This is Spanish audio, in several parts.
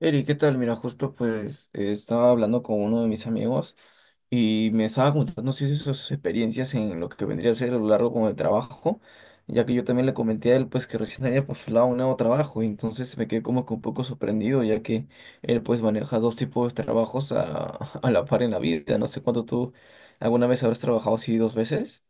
Eri, ¿qué tal? Mira, justo pues estaba hablando con uno de mis amigos y me estaba contando si sus experiencias en lo que vendría a ser a lo largo como de trabajo, ya que yo también le comenté a él pues que recién había postulado un nuevo trabajo, y entonces me quedé como que un poco sorprendido, ya que él pues maneja dos tipos de trabajos a la par en la vida. No sé cuánto tú alguna vez habrás trabajado así dos veces.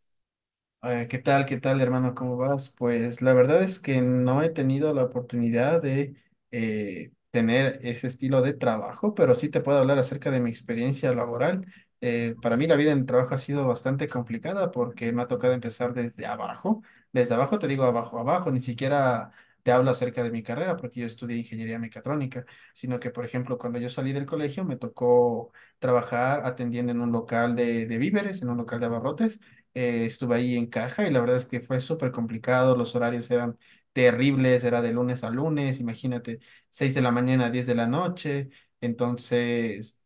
¿Qué tal, qué tal, hermano? ¿Cómo vas? Pues la verdad es que no he tenido la oportunidad de tener ese estilo de trabajo, pero sí te puedo hablar acerca de mi experiencia laboral. Para mí la vida en el trabajo ha sido bastante complicada porque me ha tocado empezar desde abajo. Desde abajo te digo abajo, abajo, ni siquiera te hablo acerca de mi carrera porque yo estudié ingeniería mecatrónica, sino que, por ejemplo, cuando yo salí del colegio me tocó trabajar atendiendo en un local de víveres, en un local de abarrotes. Estuve ahí en caja y la verdad es que fue súper complicado, los horarios eran terribles, era de lunes a lunes, imagínate, 6 de la mañana a 10 de la noche. Entonces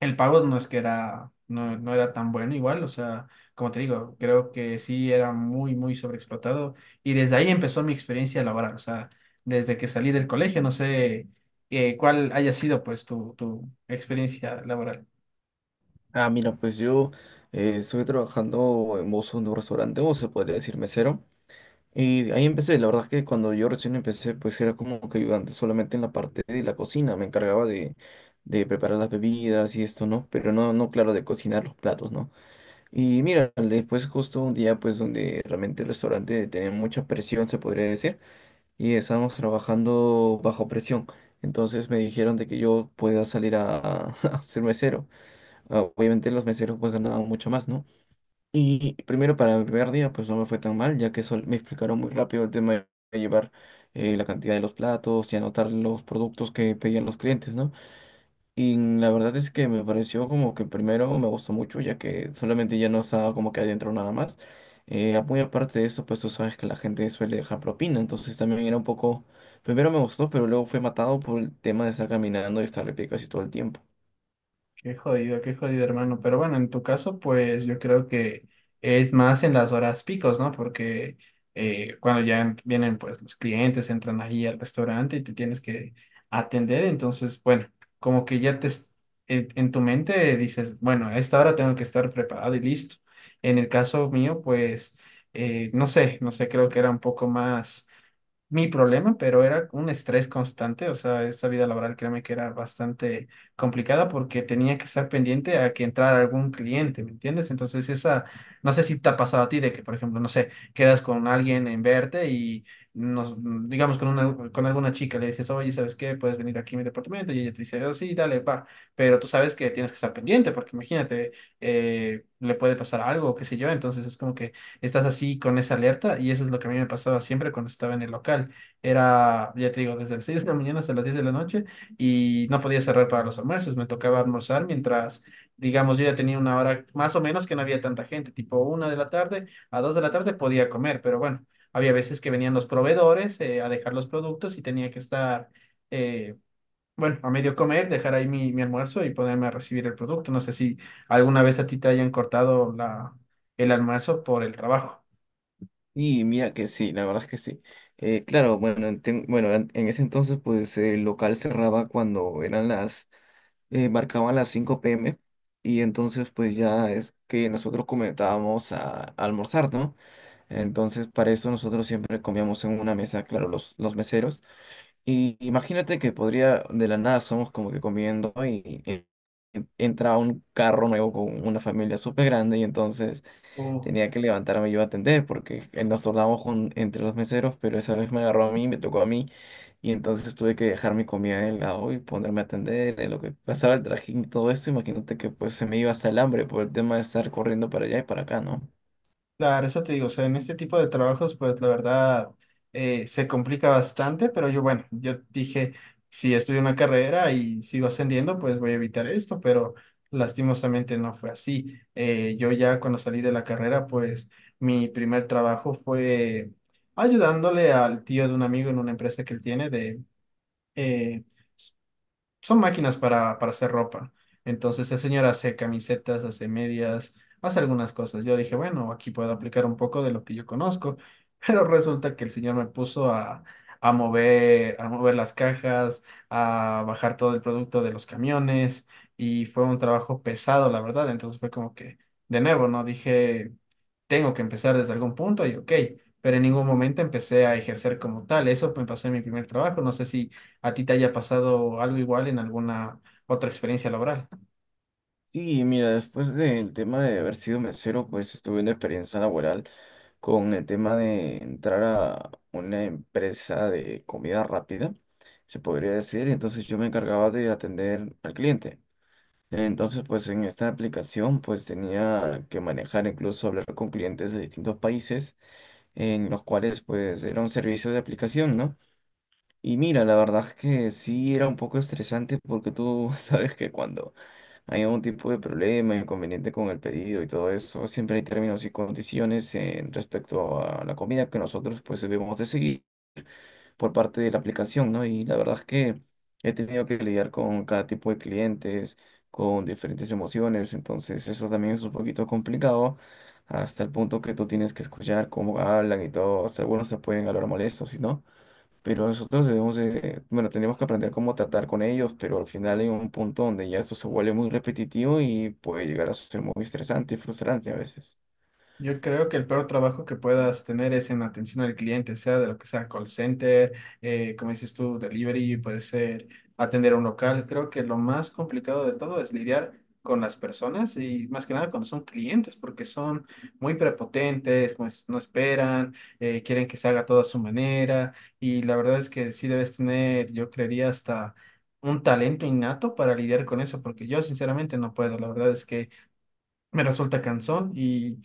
el pago no es que era, no, no era tan bueno igual, o sea, como te digo, creo que sí era muy, muy sobreexplotado y desde ahí empezó mi experiencia laboral, o sea, desde que salí del colegio, no sé cuál haya sido pues tu experiencia laboral. Ah, mira, pues yo estuve trabajando en mozo en un restaurante, o se podría decir mesero. Y ahí empecé, la verdad es que cuando yo recién empecé, pues era como que ayudante solamente en la parte de la cocina, me encargaba de preparar las bebidas y esto, ¿no? Pero no, no, claro, de cocinar los platos, ¿no? Y mira, después justo un día, pues donde realmente el restaurante tenía mucha presión, se podría decir, y estábamos trabajando bajo presión. Entonces me dijeron de que yo pueda salir a ser mesero. Ah, obviamente los meseros pues ganaban mucho más, ¿no? Y primero para mi primer día, pues no me fue tan mal, ya que me explicaron muy rápido el tema de llevar la cantidad de los platos y anotar los productos que pedían los clientes, ¿no? Y la verdad es que me pareció como que primero me gustó mucho, ya que solamente ya no estaba como que adentro nada más. Muy aparte de eso, pues tú sabes que la gente suele dejar propina, entonces también era un poco... Primero me gustó, pero luego fue matado por el tema de estar caminando y estar de pie casi todo el tiempo. Qué jodido, hermano. Pero bueno, en tu caso, pues yo creo que es más en las horas picos, ¿no? Porque cuando ya vienen, pues los clientes entran allí al restaurante y te tienes que atender. Entonces, bueno, como que ya te en tu mente dices, bueno, a esta hora tengo que estar preparado y listo. En el caso mío, pues no sé, no sé, creo que era un poco más mi problema, pero era un estrés constante, o sea, esa vida laboral créeme que era bastante complicada porque tenía que estar pendiente a que entrara algún cliente, ¿me entiendes? Entonces esa, no sé si te ha pasado a ti de que, por ejemplo, no sé, quedas con alguien en verte y nos, digamos con una, con alguna chica le dices, oye, ¿sabes qué? Puedes venir aquí a mi departamento y ella te dice, "Oh, sí, dale, va, pero tú sabes que tienes que estar pendiente porque imagínate, le puede pasar algo, qué sé yo, entonces es como que estás así con esa alerta y eso es lo que a mí me pasaba siempre cuando estaba en el local. Era, ya te digo, desde las 6 de la mañana hasta las 10 de la noche y no podía cerrar para los almuerzos, me tocaba almorzar mientras, digamos, yo ya tenía una hora más o menos que no había tanta gente, tipo una de la tarde a 2 de la tarde podía comer, pero bueno, había veces que venían los proveedores a dejar los productos y tenía que estar. eh, Bueno, a medio comer, dejar ahí mi almuerzo y ponerme a recibir el producto. No sé si alguna vez a ti te hayan cortado el almuerzo por el trabajo. Y mira que sí, la verdad es que sí. Claro, bueno, bueno, en ese entonces pues el local cerraba cuando eran las, marcaban las 5 p.m. Y entonces pues ya es que nosotros comenzábamos a almorzar, ¿no? Entonces para eso nosotros siempre comíamos en una mesa, claro, los meseros. Y imagínate que podría, de la nada somos como que comiendo y entra un carro nuevo con una familia súper grande y entonces Uh, tenía que levantarme yo a atender porque nos turnamos con, entre los meseros, pero esa vez me agarró a mí, me tocó a mí, y entonces tuve que dejar mi comida en el lado y ponerme a atender en lo que pasaba el trajín y todo eso. Imagínate que pues se me iba hasta el hambre por el tema de estar corriendo para allá y para acá, ¿no? claro, eso te digo, o sea, en este tipo de trabajos, pues la verdad se complica bastante, pero yo, bueno, yo dije, si estudio una carrera y sigo ascendiendo, pues voy a evitar esto, pero lastimosamente no fue así. Yo ya cuando salí de la carrera, pues mi primer trabajo fue ayudándole al tío de un amigo en una empresa que él tiene de eh, son máquinas para hacer ropa. Entonces el señor hace camisetas, hace medias, hace algunas cosas. Yo dije, bueno, aquí puedo aplicar un poco de lo que yo conozco, pero resulta que el señor me puso a mover las cajas, a bajar todo el producto de los camiones y fue un trabajo pesado, la verdad. Entonces fue como que, de nuevo, ¿no? Dije, tengo que empezar desde algún punto y ok. Pero en ningún momento empecé a ejercer como tal. Eso me pasó en mi primer trabajo. No sé si a ti te haya pasado algo igual en alguna otra experiencia laboral. Sí, mira, después del tema de haber sido mesero, pues tuve una experiencia laboral con el tema de entrar a una empresa de comida rápida, se podría decir, y entonces yo me encargaba de atender al cliente. Entonces, pues en esta aplicación, pues tenía que manejar, incluso hablar con clientes de distintos países, en los cuales pues era un servicio de aplicación, ¿no? Y mira, la verdad es que sí era un poco estresante porque tú sabes que cuando hay algún tipo de problema, inconveniente con el pedido y todo eso, siempre hay términos y condiciones en respecto a la comida que nosotros pues debemos de seguir por parte de la aplicación, ¿no? Y la verdad es que he tenido que lidiar con cada tipo de clientes, con diferentes emociones, entonces eso también es un poquito complicado, hasta el punto que tú tienes que escuchar cómo hablan y todo, hasta algunos se pueden hablar molestos y no, pero nosotros debemos de, bueno, tenemos que aprender cómo tratar con ellos, pero al final hay un punto donde ya esto se vuelve muy repetitivo y puede llegar a ser muy estresante y frustrante a veces. Yo creo que el peor trabajo que puedas tener es en atención al cliente, sea de lo que sea call center, como dices tú, delivery, puede ser atender a un local. Creo que lo más complicado de todo es lidiar con las personas y más que nada cuando son clientes, porque son muy prepotentes, como dices, no esperan, quieren que se haga todo a su manera y la verdad es que sí debes tener, yo creería, hasta un talento innato para lidiar con eso, porque yo sinceramente no puedo. La verdad es que me resulta cansón y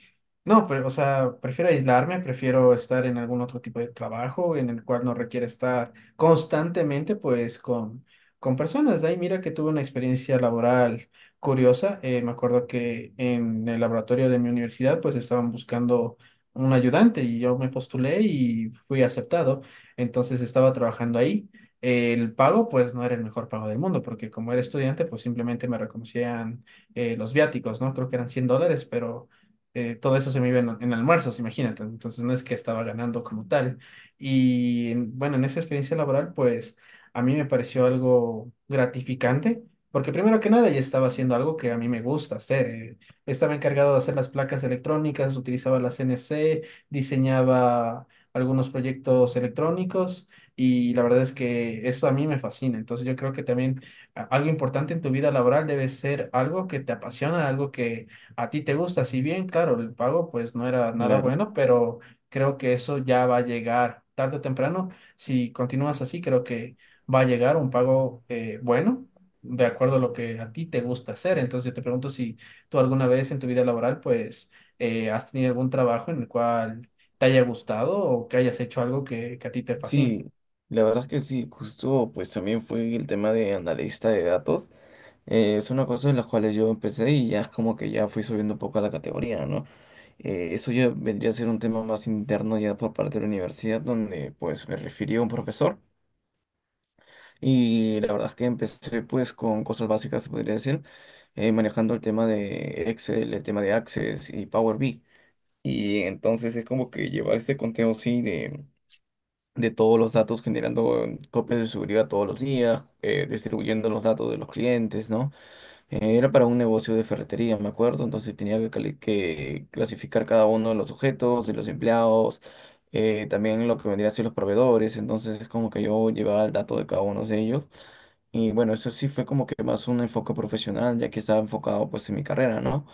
no, pero, o sea, prefiero aislarme, prefiero estar en algún otro tipo de trabajo en el cual no requiere estar constantemente, pues, con personas. De ahí mira que tuve una experiencia laboral curiosa. Me acuerdo que en el laboratorio de mi universidad, pues, estaban buscando un ayudante y yo me postulé y fui aceptado. Entonces estaba trabajando ahí. El pago, pues, no era el mejor pago del mundo, porque como era estudiante, pues, simplemente me reconocían los viáticos, ¿no? Creo que eran $100, pero todo eso se me iba en almuerzos, imagínate. Entonces no es que estaba ganando como tal. Y bueno, en esa experiencia laboral, pues a mí me pareció algo gratificante. Porque primero que nada ya estaba haciendo algo que a mí me gusta hacer. Estaba encargado de hacer las placas electrónicas, utilizaba la CNC, diseñaba algunos proyectos electrónicos y la verdad es que eso a mí me fascina. Entonces yo creo que también algo importante en tu vida laboral debe ser algo que te apasiona, algo que a ti te gusta. Si bien, claro, el pago pues no era nada Claro. bueno, pero creo que eso ya va a llegar tarde o temprano. Si continúas así, creo que va a llegar un pago bueno, de acuerdo a lo que a ti te gusta hacer. Entonces yo te pregunto si tú alguna vez en tu vida laboral pues has tenido algún trabajo en el cual te haya gustado o que hayas hecho algo que a ti te fascine. Sí, la verdad es que sí, justo pues también fue el tema de analista de datos. Es una cosa de las cuales yo empecé y ya es como que ya fui subiendo un poco a la categoría, ¿no? Eso ya vendría a ser un tema más interno ya por parte de la universidad donde pues me refirió un profesor y la verdad es que empecé pues con cosas básicas, se podría decir, manejando el tema de Excel, el tema de Access y Power BI. Y entonces es como que llevar este conteo, sí, de todos los datos, generando copias de seguridad todos los días, distribuyendo los datos de los clientes, ¿no? Era para un negocio de ferretería, me acuerdo, entonces tenía que, clasificar cada uno de los sujetos y los empleados, también lo que vendrían a ser los proveedores, entonces es como que yo llevaba el dato de cada uno de ellos. Y bueno, eso sí fue como que más un enfoque profesional, ya que estaba enfocado pues en mi carrera, ¿no?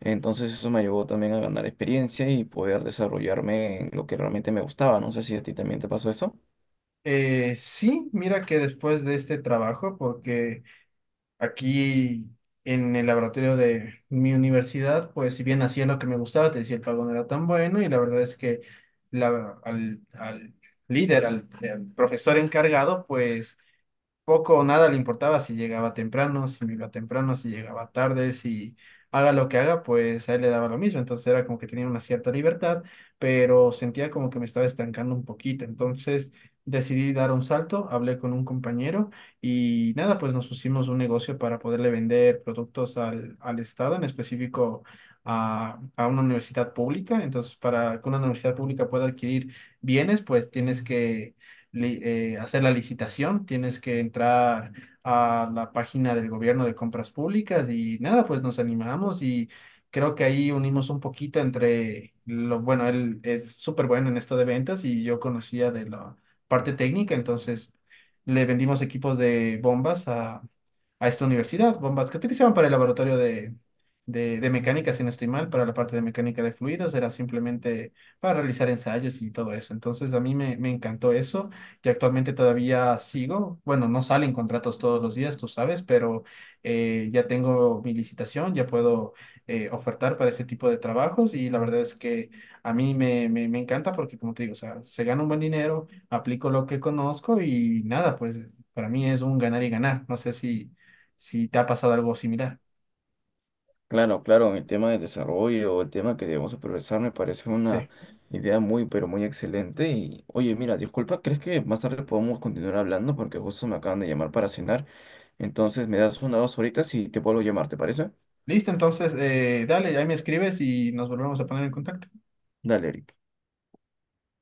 Entonces eso me ayudó también a ganar experiencia y poder desarrollarme en lo que realmente me gustaba. No sé si a ti también te pasó eso. Sí, mira que después de este trabajo, porque aquí en el laboratorio de mi universidad, pues si bien hacía lo que me gustaba, te decía el pago no era tan bueno y la verdad es que al líder, al profesor encargado, pues poco o nada le importaba si llegaba temprano, si no iba temprano, si llegaba tarde, si haga lo que haga, pues a él le daba lo mismo. Entonces era como que tenía una cierta libertad, pero sentía como que me estaba estancando un poquito. Entonces decidí dar un salto, hablé con un compañero y nada, pues nos pusimos un negocio para poderle vender productos al Estado, en específico a una universidad pública. Entonces, para que una universidad pública pueda adquirir bienes, pues tienes que hacer la licitación, tienes que entrar a la página del gobierno de compras públicas y nada, pues nos animamos y creo que ahí unimos un poquito entre lo bueno, él es súper bueno en esto de ventas y yo conocía de la parte técnica, entonces le vendimos equipos de bombas a esta universidad, bombas que utilizaban para el laboratorio de mecánica, si no estoy mal, para la parte de mecánica de fluidos, era simplemente para realizar ensayos y todo eso. Entonces a mí me encantó eso y actualmente todavía sigo, bueno, no salen contratos todos los días, tú sabes, pero ya tengo mi licitación, ya puedo ofertar para ese tipo de trabajos y la verdad es que a mí me encanta porque, como te digo, o sea, se gana un buen dinero, aplico lo que conozco y nada, pues para mí es un ganar y ganar. No sé si si te ha pasado algo similar. Claro, claro, en el tema del desarrollo, el tema que debemos progresar, me parece una Sí. idea muy, pero muy excelente. Y oye, mira, disculpa, ¿crees que más tarde podemos continuar hablando? Porque justo me acaban de llamar para cenar. Entonces, me das una o dos horitas y te vuelvo a llamar, ¿te parece? Listo, entonces, dale, ahí me escribes y nos volvemos a poner en contacto. Dale, Eric.